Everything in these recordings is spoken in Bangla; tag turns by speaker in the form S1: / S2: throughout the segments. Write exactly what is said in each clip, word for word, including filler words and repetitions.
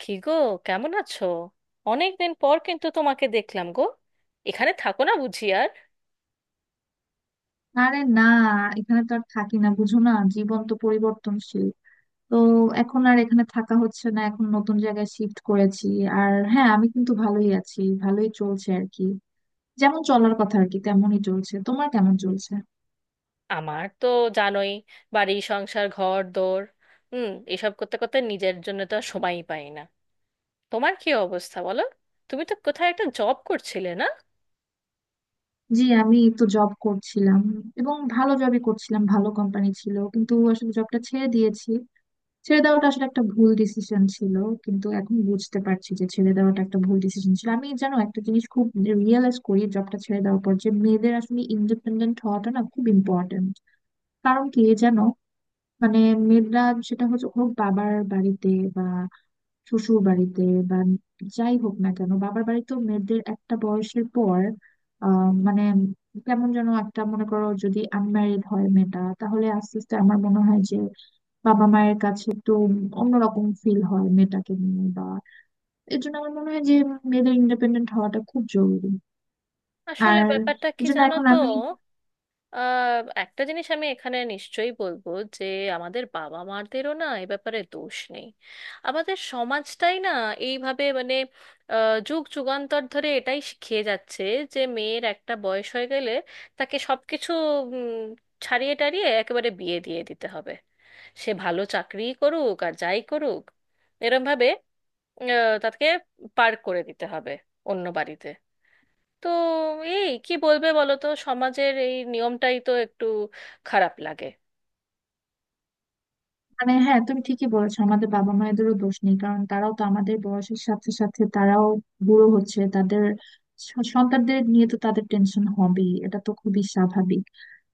S1: কি গো? কেমন আছো? অনেকদিন পর কিন্তু তোমাকে দেখলাম গো। এখানে থাকো না বুঝি আর?
S2: আরে না। এখানে তো আর থাকি না, বুঝো না, জীবন তো পরিবর্তনশীল। তো এখন আর এখানে থাকা হচ্ছে না, এখন নতুন জায়গায় শিফট করেছি। আর হ্যাঁ, আমি কিন্তু ভালোই আছি, ভালোই চলছে আর কি। যেমন চলার কথা আর কি তেমনই চলছে। তোমার কেমন চলছে?
S1: আমার তো জানোই, বাড়ি সংসার ঘর দোর, হুম, এসব করতে করতে নিজের জন্য তো আর সময়ই পাই না। তোমার কি অবস্থা বলো? তুমি তো কোথায় একটা জব করছিলে না?
S2: জি, আমি তো জব করছিলাম এবং ভালো জবই করছিলাম, ভালো কোম্পানি ছিল, কিন্তু আসলে জবটা ছেড়ে দিয়েছি। ছেড়ে দেওয়াটা আসলে একটা ভুল ডিসিশন ছিল, কিন্তু এখন বুঝতে পারছি যে ছেড়ে দেওয়াটা একটা ভুল ডিসিশন ছিল। আমি জানো একটা জিনিস খুব রিয়েলাইজ করি জবটা ছেড়ে দেওয়ার পর, যে মেয়েদের আসলে ইন্ডিপেন্ডেন্ট হওয়াটা না খুব ইম্পর্টেন্ট। কারণ কি জানো, মানে মেয়েরা, সেটা হচ্ছে, হোক বাবার বাড়িতে বা শ্বশুর বাড়িতে বা যাই হোক না কেন, বাবার বাড়িতেও মেয়েদের একটা বয়সের পর আহ মানে কেমন যেন একটা, মনে করো যদি আনম্যারিড হয় মেয়েটা, তাহলে আস্তে আস্তে আমার মনে হয় যে বাবা মায়ের কাছে একটু অন্যরকম ফিল হয় মেয়েটাকে নিয়ে। বা এর জন্য আমার মনে হয় যে মেয়েদের ইন্ডিপেন্ডেন্ট হওয়াটা খুব জরুরি।
S1: আসলে
S2: আর
S1: ব্যাপারটা
S2: এর
S1: কি
S2: জন্য
S1: জানো
S2: এখন
S1: তো,
S2: আমি...
S1: আহ একটা জিনিস আমি এখানে নিশ্চয়ই বলবো, যে আমাদের বাবা মাদেরও না এ ব্যাপারে দোষ নেই। আমাদের সমাজটাই না এইভাবে মানে আহ, যুগ যুগান্তর ধরে এটাই শিখিয়ে যাচ্ছে যে মেয়ের একটা বয়স হয়ে গেলে তাকে সবকিছু উম, ছাড়িয়ে টাড়িয়ে একেবারে বিয়ে দিয়ে দিতে হবে। সে ভালো চাকরিই করুক আর যাই করুক, এরম ভাবে আহ, তাকে পার করে দিতে হবে অন্য বাড়িতে। তো এই কি বলবে বলো তো, সমাজের এই নিয়মটাই তো একটু খারাপ লাগে।
S2: মানে হ্যাঁ, তুমি ঠিকই বলেছো, আমাদের বাবা মায়েদেরও দোষ নেই। কারণ তারাও তো আমাদের বয়সের সাথে সাথে তারাও বুড়ো হচ্ছে, তাদের স- সন্তানদের নিয়ে তো তাদের টেনশন হবেই, এটা তো খুবই স্বাভাবিক।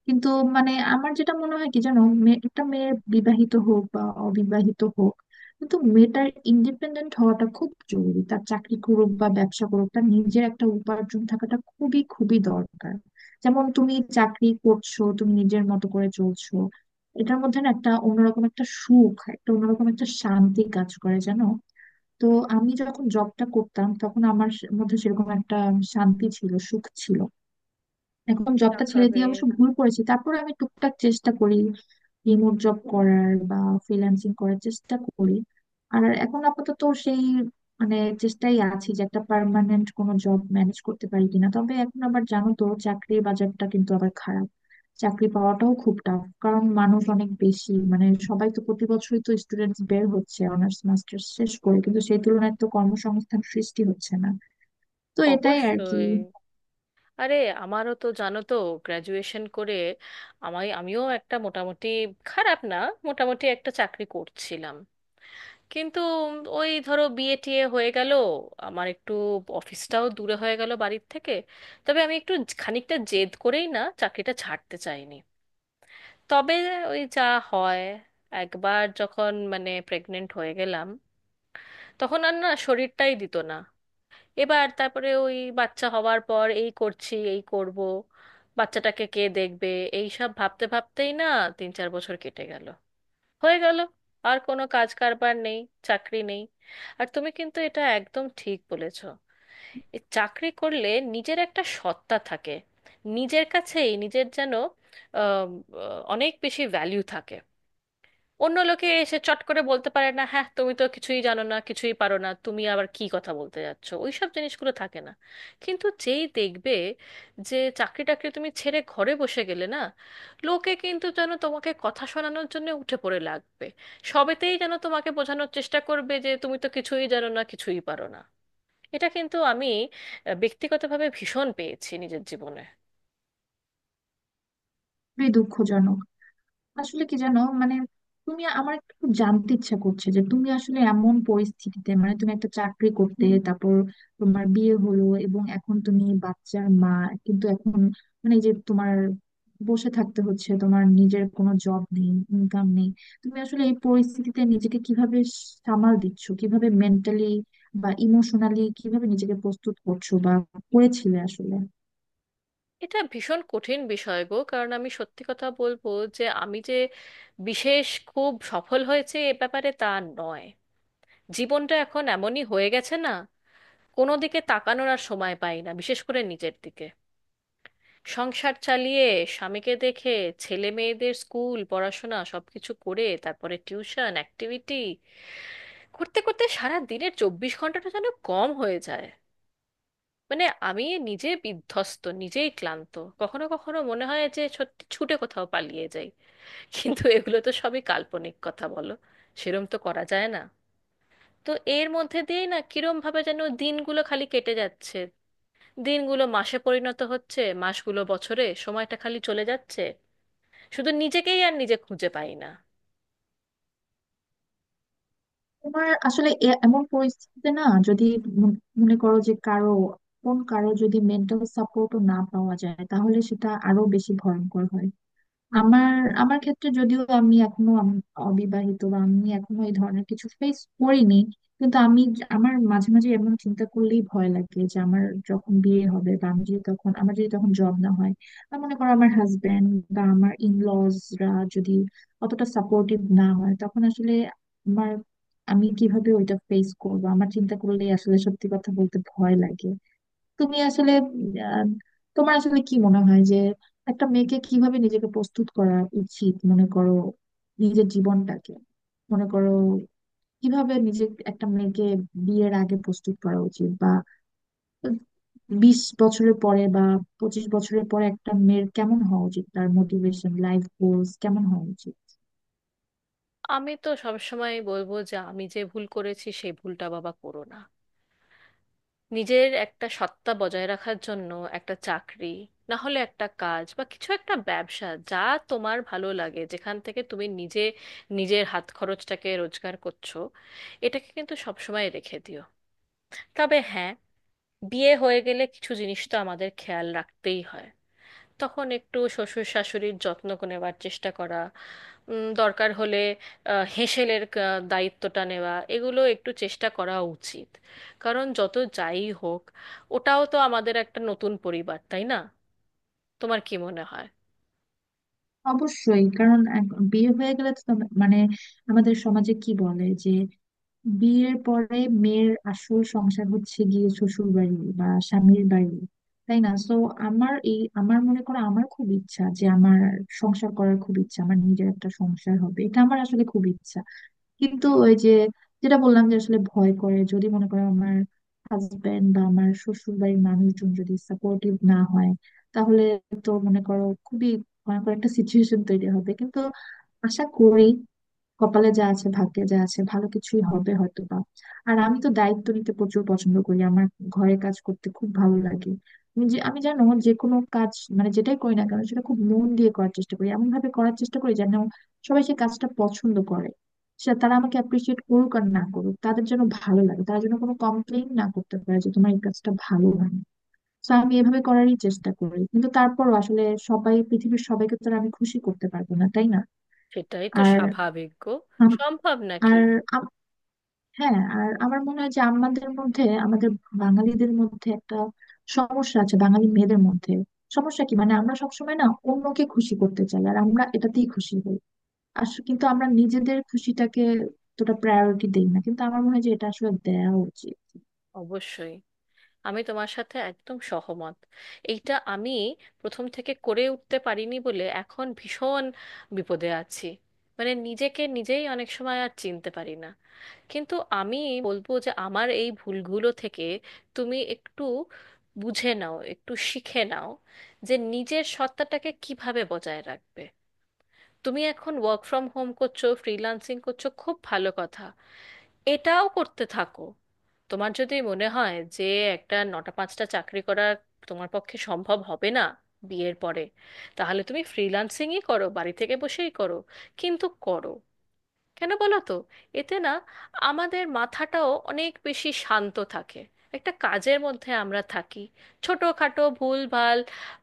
S2: কিন্তু মানে আমার যেটা মনে হয় কি জানো, মেয়ে- একটা মেয়ে বিবাহিত হোক বা অবিবাহিত হোক, কিন্তু মেয়েটার ইন্ডিপেন্ডেন্ট হওয়াটা খুব জরুরি। তার চাকরি করুক বা ব্যবসা করুক, তার নিজের একটা উপার্জন থাকাটা খুবই খুবই দরকার। যেমন তুমি চাকরি করছো, তুমি নিজের মতো করে চলছো, এটার মধ্যে না একটা অন্যরকম একটা সুখ, একটা অন্যরকম একটা শান্তি কাজ করে জানো। তো আমি যখন জবটা করতাম তখন আমার মধ্যে সেরকম একটা শান্তি ছিল, সুখ ছিল। এখন জবটা ছেড়ে
S1: ভাবে,
S2: দিয়ে অবশ্য ভুল করেছি। তারপর আমি টুকটাক চেষ্টা করি রিমোট জব করার বা ফ্রিল্যান্সিং করার চেষ্টা করি। আর এখন আপাতত সেই মানে চেষ্টাই আছি যে একটা পার্মানেন্ট কোনো জব ম্যানেজ করতে পারি কিনা। তবে এখন আবার জানো তো চাকরির বাজারটা কিন্তু আবার খারাপ, চাকরি পাওয়াটাও খুব টাফ। কারণ মানুষ অনেক বেশি, মানে সবাই তো প্রতি বছরই তো স্টুডেন্টস বের হচ্ছে অনার্স মাস্টার্স শেষ করে, কিন্তু সেই তুলনায় তো কর্মসংস্থান সৃষ্টি হচ্ছে না। তো এটাই আর কি।
S1: অবশ্যই। আরে আমারও তো জানো তো গ্র্যাজুয়েশন করে আমায় আমিও একটা মোটামুটি, খারাপ না, মোটামুটি একটা চাকরি করছিলাম। কিন্তু ওই ধরো বিয়ে টিয়ে হয়ে গেল, আমার একটু অফিসটাও দূরে হয়ে গেল বাড়ির থেকে। তবে আমি একটু খানিকটা জেদ করেই না চাকরিটা ছাড়তে চাইনি। তবে ওই যা হয়, একবার যখন মানে প্রেগনেন্ট হয়ে গেলাম তখন আর না শরীরটাই দিত না। এবার তারপরে ওই বাচ্চা হওয়ার পর এই করছি এই করব, বাচ্চাটাকে কে দেখবে, এই সব ভাবতে ভাবতেই না তিন চার বছর কেটে গেল। হয়ে গেল, আর কোনো কাজ কারবার নেই, চাকরি নেই। আর তুমি কিন্তু এটা একদম ঠিক বলেছ। এই চাকরি করলে নিজের একটা সত্তা থাকে, নিজের কাছেই নিজের যেন আহ, আহ, অনেক বেশি ভ্যালু থাকে। অন্য লোকে এসে চট করে বলতে পারে না, হ্যাঁ তুমি তো কিছুই জানো না কিছুই পারো না তুমি আবার কি কথা বলতে যাচ্ছ, ওইসব জিনিসগুলো থাকে না। কিন্তু যেই দেখবে যে চাকরি টাকরি তুমি ছেড়ে ঘরে বসে গেলে না, লোকে কিন্তু যেন তোমাকে কথা শোনানোর জন্য উঠে পড়ে লাগবে। সবেতেই যেন তোমাকে বোঝানোর চেষ্টা করবে যে তুমি তো কিছুই জানো না কিছুই পারো না। এটা কিন্তু আমি আহ, ব্যক্তিগতভাবে ভীষণ পেয়েছি নিজের জীবনে।
S2: খুবই দুঃখজনক। আসলে কি জানো মানে, তুমি, আমার একটু জানতে ইচ্ছা করছে যে তুমি আসলে এমন পরিস্থিতিতে, মানে তুমি একটা চাকরি করতে, তারপর তোমার বিয়ে হলো এবং এখন তুমি বাচ্চার মা, কিন্তু এখন মানে এই যে তোমার বসে থাকতে হচ্ছে, তোমার নিজের কোনো জব নেই, ইনকাম নেই, তুমি আসলে এই পরিস্থিতিতে নিজেকে কিভাবে সামাল দিচ্ছ, কিভাবে মেন্টালি বা ইমোশনালি কিভাবে নিজেকে প্রস্তুত করছো বা করেছিলে আসলে?
S1: এটা ভীষণ কঠিন বিষয় গো, কারণ আমি সত্যি কথা বলবো যে আমি যে বিশেষ খুব সফল হয়েছে এ ব্যাপারে তা নয়। জীবনটা এখন এমনই হয়ে গেছে না, কোনো দিকে তাকানোর আর সময় পাই না, বিশেষ করে নিজের দিকে। সংসার চালিয়ে, স্বামীকে দেখে, ছেলে মেয়েদের স্কুল পড়াশোনা সবকিছু করে, তারপরে টিউশন অ্যাক্টিভিটি করতে করতে সারা দিনের চব্বিশ ঘন্টাটা যেন কম হয়ে যায়। মানে আমি নিজে বিধ্বস্ত, নিজেই ক্লান্ত। কখনো কখনো মনে হয় যে সত্যি ছুটে কোথাও পালিয়ে যাই, কিন্তু এগুলো তো সবই কাল্পনিক কথা, বলো? সেরম তো করা যায় না। তো এর মধ্যে দিয়েই না কিরম ভাবে যেন দিনগুলো খালি কেটে যাচ্ছে। দিনগুলো মাসে পরিণত হচ্ছে, মাসগুলো বছরে, সময়টা খালি চলে যাচ্ছে। শুধু নিজেকেই আর নিজে খুঁজে পাই না।
S2: তোমার আসলে এ- এমন পরিস্থিতিতে না, যদি মন- মনে করো যে কারো, কোন কারো যদি মেন্টাল সাপোর্টও না পাওয়া যায়, তাহলে সেটা আরো বেশি ভয়ঙ্কর হয়। আমার, আমার ক্ষেত্রে যদিও আমি এখনো আম- অবিবাহিত বা আমি এখনো এই ধরনের কিছু ফেস করিনি, কিন্তু আমি য- আমার মাঝে মাঝে এমন চিন্তা করলেই ভয় লাগে যে আমার যখন বিয়ে হবে, বা আমি যদি তখন, আমার যদি তখন জব না হয়, বা মনে করো আমার হাজবেন্ড বা আমার ইনলজরা যদি অতটা সাপোর্টিভ না হয়, তখন আসলে আমার, আমি কিভাবে ওইটা ফেস করবো, আমার চিন্তা করলেই আসলে সত্যি কথা বলতে ভয় লাগে। তুমি আসলে আহ, তোমার আসলে কি মনে হয় যে একটা মেয়েকে কিভাবে নিজেকে প্রস্তুত করা উচিত, মনে করো নিজের জীবনটাকে, মনে করো কিভাবে নিজে, একটা মেয়েকে বিয়ের আগে প্রস্তুত করা উচিত, বা বিশ বছরের পরে বা পঁচিশ বছরের পরে একটা মেয়ের কেমন হওয়া উচিত, তার মোটিভেশন, লাইফ গোলস কেমন হওয়া উচিত?
S1: আমি তো সবসময় বলবো যে আমি যে ভুল করেছি সেই ভুলটা বাবা করো না। নিজের একটা সত্তা বজায় রাখার জন্য একটা চাকরি, না হলে একটা কাজ, বা কিছু একটা ব্যবসা যা তোমার ভালো লাগে, যেখান থেকে তুমি নিজে নিজের হাত খরচটাকে রোজগার করছো, এটাকে কিন্তু সবসময় রেখে দিও। তবে হ্যাঁ, বিয়ে হয়ে গেলে কিছু জিনিস তো আমাদের খেয়াল রাখতেই হয়। তখন একটু শ্বশুর শাশুড়ির যত্ন নেওয়ার চেষ্টা করা, উম, দরকার হলে আহ, হেঁসেলের কা- দায়িত্বটা নেওয়া, এগুলো একটু চেষ্টা করা উচিত। কারণ যত যাই হোক, ওটাও তো আমাদের একটা নতুন পরিবার, তাই না? তোমার কি মনে হয়?
S2: অবশ্যই। কারণ এক- বিয়ে হয়ে গেলে তো তোমার- মানে আমাদের সমাজে কি বলে যে বিয়ের পরে মেয়ের আসল সংসার হচ্ছে গিয়ে শ্বশুর বাড়ি বা স্বামীর বাড়ি, তাই না তো? আমার এই, আমার মনে করো, আমার খুব ইচ্ছা যে আমার সংসার করার খুব ইচ্ছা, আমার নিজের একটা সংসার হবে, এটা আমার আসলে খুব ইচ্ছা। কিন্তু ওই যে যেটা বললাম যে আসলে ভয় করে, যদি মনে করো আমার হাজবেন্ড বা আমার শ্বশুর বাড়ির মানুষজন যদি সাপোর্টিভ না হয়, তাহলে তো মনে করো খুবই ভয়ঙ্কর একটা সিচুয়েশন তৈরি হবে। কিন্তু আশা করি, কপালে যা আছে, ভাগ্যে যা আছে, ভালো কিছুই হবে হয়তো বা। আর আমি তো দায়িত্ব নিতে প্রচুর পছন্দ করি, আমার ঘরে কাজ করতে খুব ভালো লাগে। আমি যে, আমি জানো, যে কোনো কাজ মানে যেটাই করি না কেন সেটা খুব মন দিয়ে করার চেষ্টা করি, এমন ভাবে করার চেষ্টা করি যেন সবাই সেই কাজটা পছন্দ করে, সেটা তারা আমাকে অ্যাপ্রিসিয়েট করুক আর না করুক, তাদের যেন ভালো লাগে, তারা যেন কোনো কমপ্লেন না করতে পারে যে তোমার এই কাজটা ভালো হয়নি। তো আমি এভাবে করারই চেষ্টা করি, কিন্তু তারপরও আসলে সবাই, পৃথিবীর সবাইকে তো আর আমি খুশি করতে পারবো না, তাই না?
S1: সেটাই তো
S2: আর
S1: স্বাভাবিক গো।
S2: আম-
S1: সম্ভব নাকি?
S2: আর হ্যাঁ, আর আমার মনে হয় যে আমাদের মধ্যে, আমাদের বাঙালিদের মধ্যে একটা সমস্যা আছে, বাঙালি মেয়েদের মধ্যে। সমস্যা কি, মানে আমরা সবসময় না অন্যকে খুশি করতে চাই, আর আমরা এটাতেই খুশি হই। আসলে কিন্তু আমরা নিজেদের খুশিটাকে তোটা প্রায়োরিটি দেই না, কিন্তু আমার মনে হয় যে এটা আসলে দেওয়া উচিত।
S1: অবশ্যই, আমি তোমার সাথে একদম সহমত। এইটা আমি প্রথম থেকে করে উঠতে পারিনি বলে এখন ভীষণ বিপদে আছি। মানে নিজেকে নিজেই অনেক সময় আর চিনতে পারি না। কিন্তু আমি বলবো যে আমার এই ভুলগুলো থেকে তুমি একটু বুঝে নাও, একটু শিখে নাও যে নিজের সত্তাটাকে কিভাবে বজায় রাখবে। তুমি এখন ওয়ার্ক ফ্রম হোম করছো, ফ্রিল্যান্সিং করছো, খুব ভালো কথা, এটাও করতে থাকো। তোমার যদি মনে হয় যে একটা নটা পাঁচটা চাকরি করা তোমার পক্ষে সম্ভব হবে না বিয়ের পরে, তাহলে তুমি ফ্রিল্যান্সিংই করো, বাড়ি থেকে বসেই করো, কিন্তু করো। কেন বলো তো? এতে না আমাদের মাথাটাও অনেক বেশি শান্ত থাকে, একটা কাজের মধ্যে আমরা থাকি। ছোটোখাটো ভুল ভাল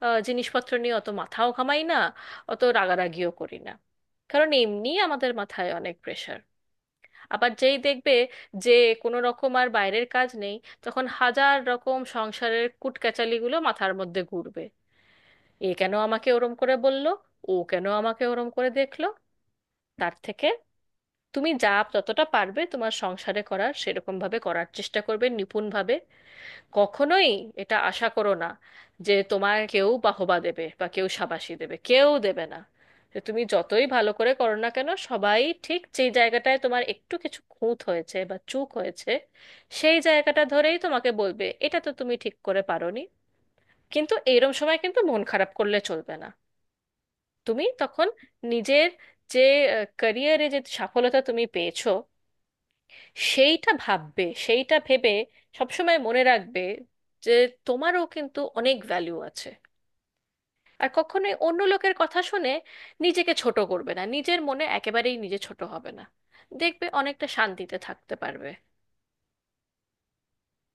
S1: আহ, জিনিসপত্র নিয়ে অত মাথাও ঘামাই না, অত রাগারাগিও করি না। কারণ এমনি আমাদের মাথায় অনেক প্রেশার। আবার যেই দেখবে যে কোনো রকম আর বাইরের কাজ নেই, তখন হাজার রকম সংসারের কুটকেচালিগুলো মাথার মধ্যে ঘুরবে। এ কেন আমাকে ওরম করে বলল, ও কেন আমাকে ওরম করে দেখলো। তার থেকে তুমি যা, যতটা পারবে তোমার সংসারে করার, সেরকম ভাবে করার চেষ্টা করবে, নিপুণভাবে। কখনোই এটা আশা করো না যে তোমার কেউ বাহবা দেবে বা কেউ শাবাশি দেবে, কেউ দেবে না। যে তুমি যতই ভালো করে করো না কেন, সবাই ঠিক যেই জায়গাটায় তোমার একটু কিছু খুঁত হয়েছে বা চুক হয়েছে, সেই জায়গাটা ধরেই তোমাকে বলবে এটা তো তুমি ঠিক করে পারোনি। কিন্তু এইরম সময় কিন্তু মন খারাপ করলে চলবে না। তুমি তখন নিজের যে ক্যারিয়ারে যে সফলতা তুমি পেয়েছো সেইটা ভাববে। সেইটা ভেবে সবসময় মনে রাখবে যে তোমারও কিন্তু অনেক ভ্যালু আছে। আর কখনোই অন্য লোকের কথা শুনে নিজেকে ছোট করবে না, নিজের মনে একেবারেই নিজে ছোট হবে না। দেখবে অনেকটা শান্তিতে থাকতে পারবে।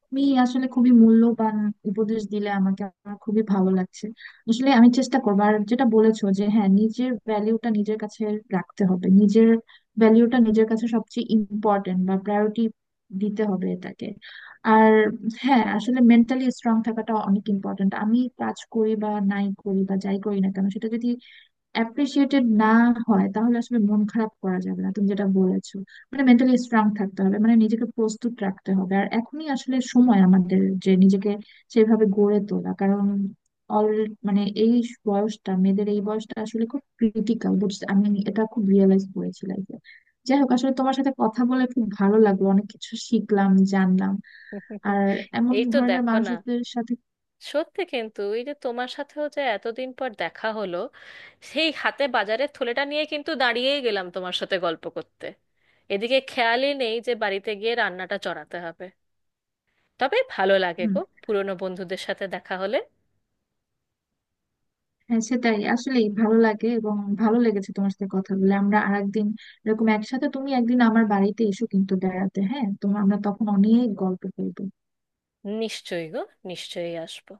S2: তুমি আসলে খুবই মূল্যবান উপদেশ দিলে আমাকে, আমার খুবই ভালো লাগছে। আসলে আমি চেষ্টা করবো। আর যেটা বলেছো যে হ্যাঁ, নিজের ভ্যালিউটা নিজের কাছে রাখতে হবে, নিজের ভ্যালিউটা নিজের কাছে সবচেয়ে ইম্পর্টেন্ট, বা প্রায়োরিটি দিতে হবে এটাকে। আর হ্যাঁ, আসলে মেন্টালি স্ট্রং থাকাটা অনেক ইম্পর্টেন্ট। আমি কাজ করি বা নাই করি বা যাই করি না কেন, সেটা যদি অ্যাপ্রিসিয়েটেড না হয়, তাহলে আসলে মন খারাপ করা যাবে না, তুমি যেটা বলেছো মানে মেন্টালি স্ট্রং থাকতে হবে, মানে নিজেকে প্রস্তুত রাখতে হবে। আর এখনই আসলে সময় আমাদের যে নিজেকে সেভাবে গড়ে তোলা। কারণ অল মানে এই বয়সটা, মেয়েদের এই বয়সটা আসলে খুব ক্রিটিক্যাল, বুঝতে, আমি এটা খুব রিয়েলাইজ করেছি লাইফে। যাই হোক, আসলে তোমার সাথে কথা বলে খুব ভালো লাগলো, অনেক কিছু শিখলাম, জানলাম। আর এমন
S1: এই তো
S2: ধরনের
S1: দেখো না,
S2: মানুষদের সাথে...
S1: সত্যি কিন্তু এই যে তোমার সাথেও যে এতদিন পর দেখা হলো, সেই হাতে বাজারের থলেটা নিয়ে কিন্তু দাঁড়িয়েই গেলাম তোমার সাথে গল্প করতে। এদিকে খেয়ালই নেই যে বাড়িতে গিয়ে রান্নাটা চড়াতে হবে। তবে ভালো লাগে
S2: হুম,
S1: গো পুরনো বন্ধুদের সাথে দেখা হলে।
S2: হ্যাঁ, সেটাই আসলে ভালো লাগে। এবং ভালো লেগেছে তোমার সাথে কথা বলে। আমরা আরেকদিন এরকম একসাথে, তুমি একদিন আমার বাড়িতে এসো কিন্তু বেড়াতে, হ্যাঁ তোমার, আমরা তখন অনেক গল্প করবো।
S1: নিশ্চয়ই গো, নিশ্চয়ই আসবো।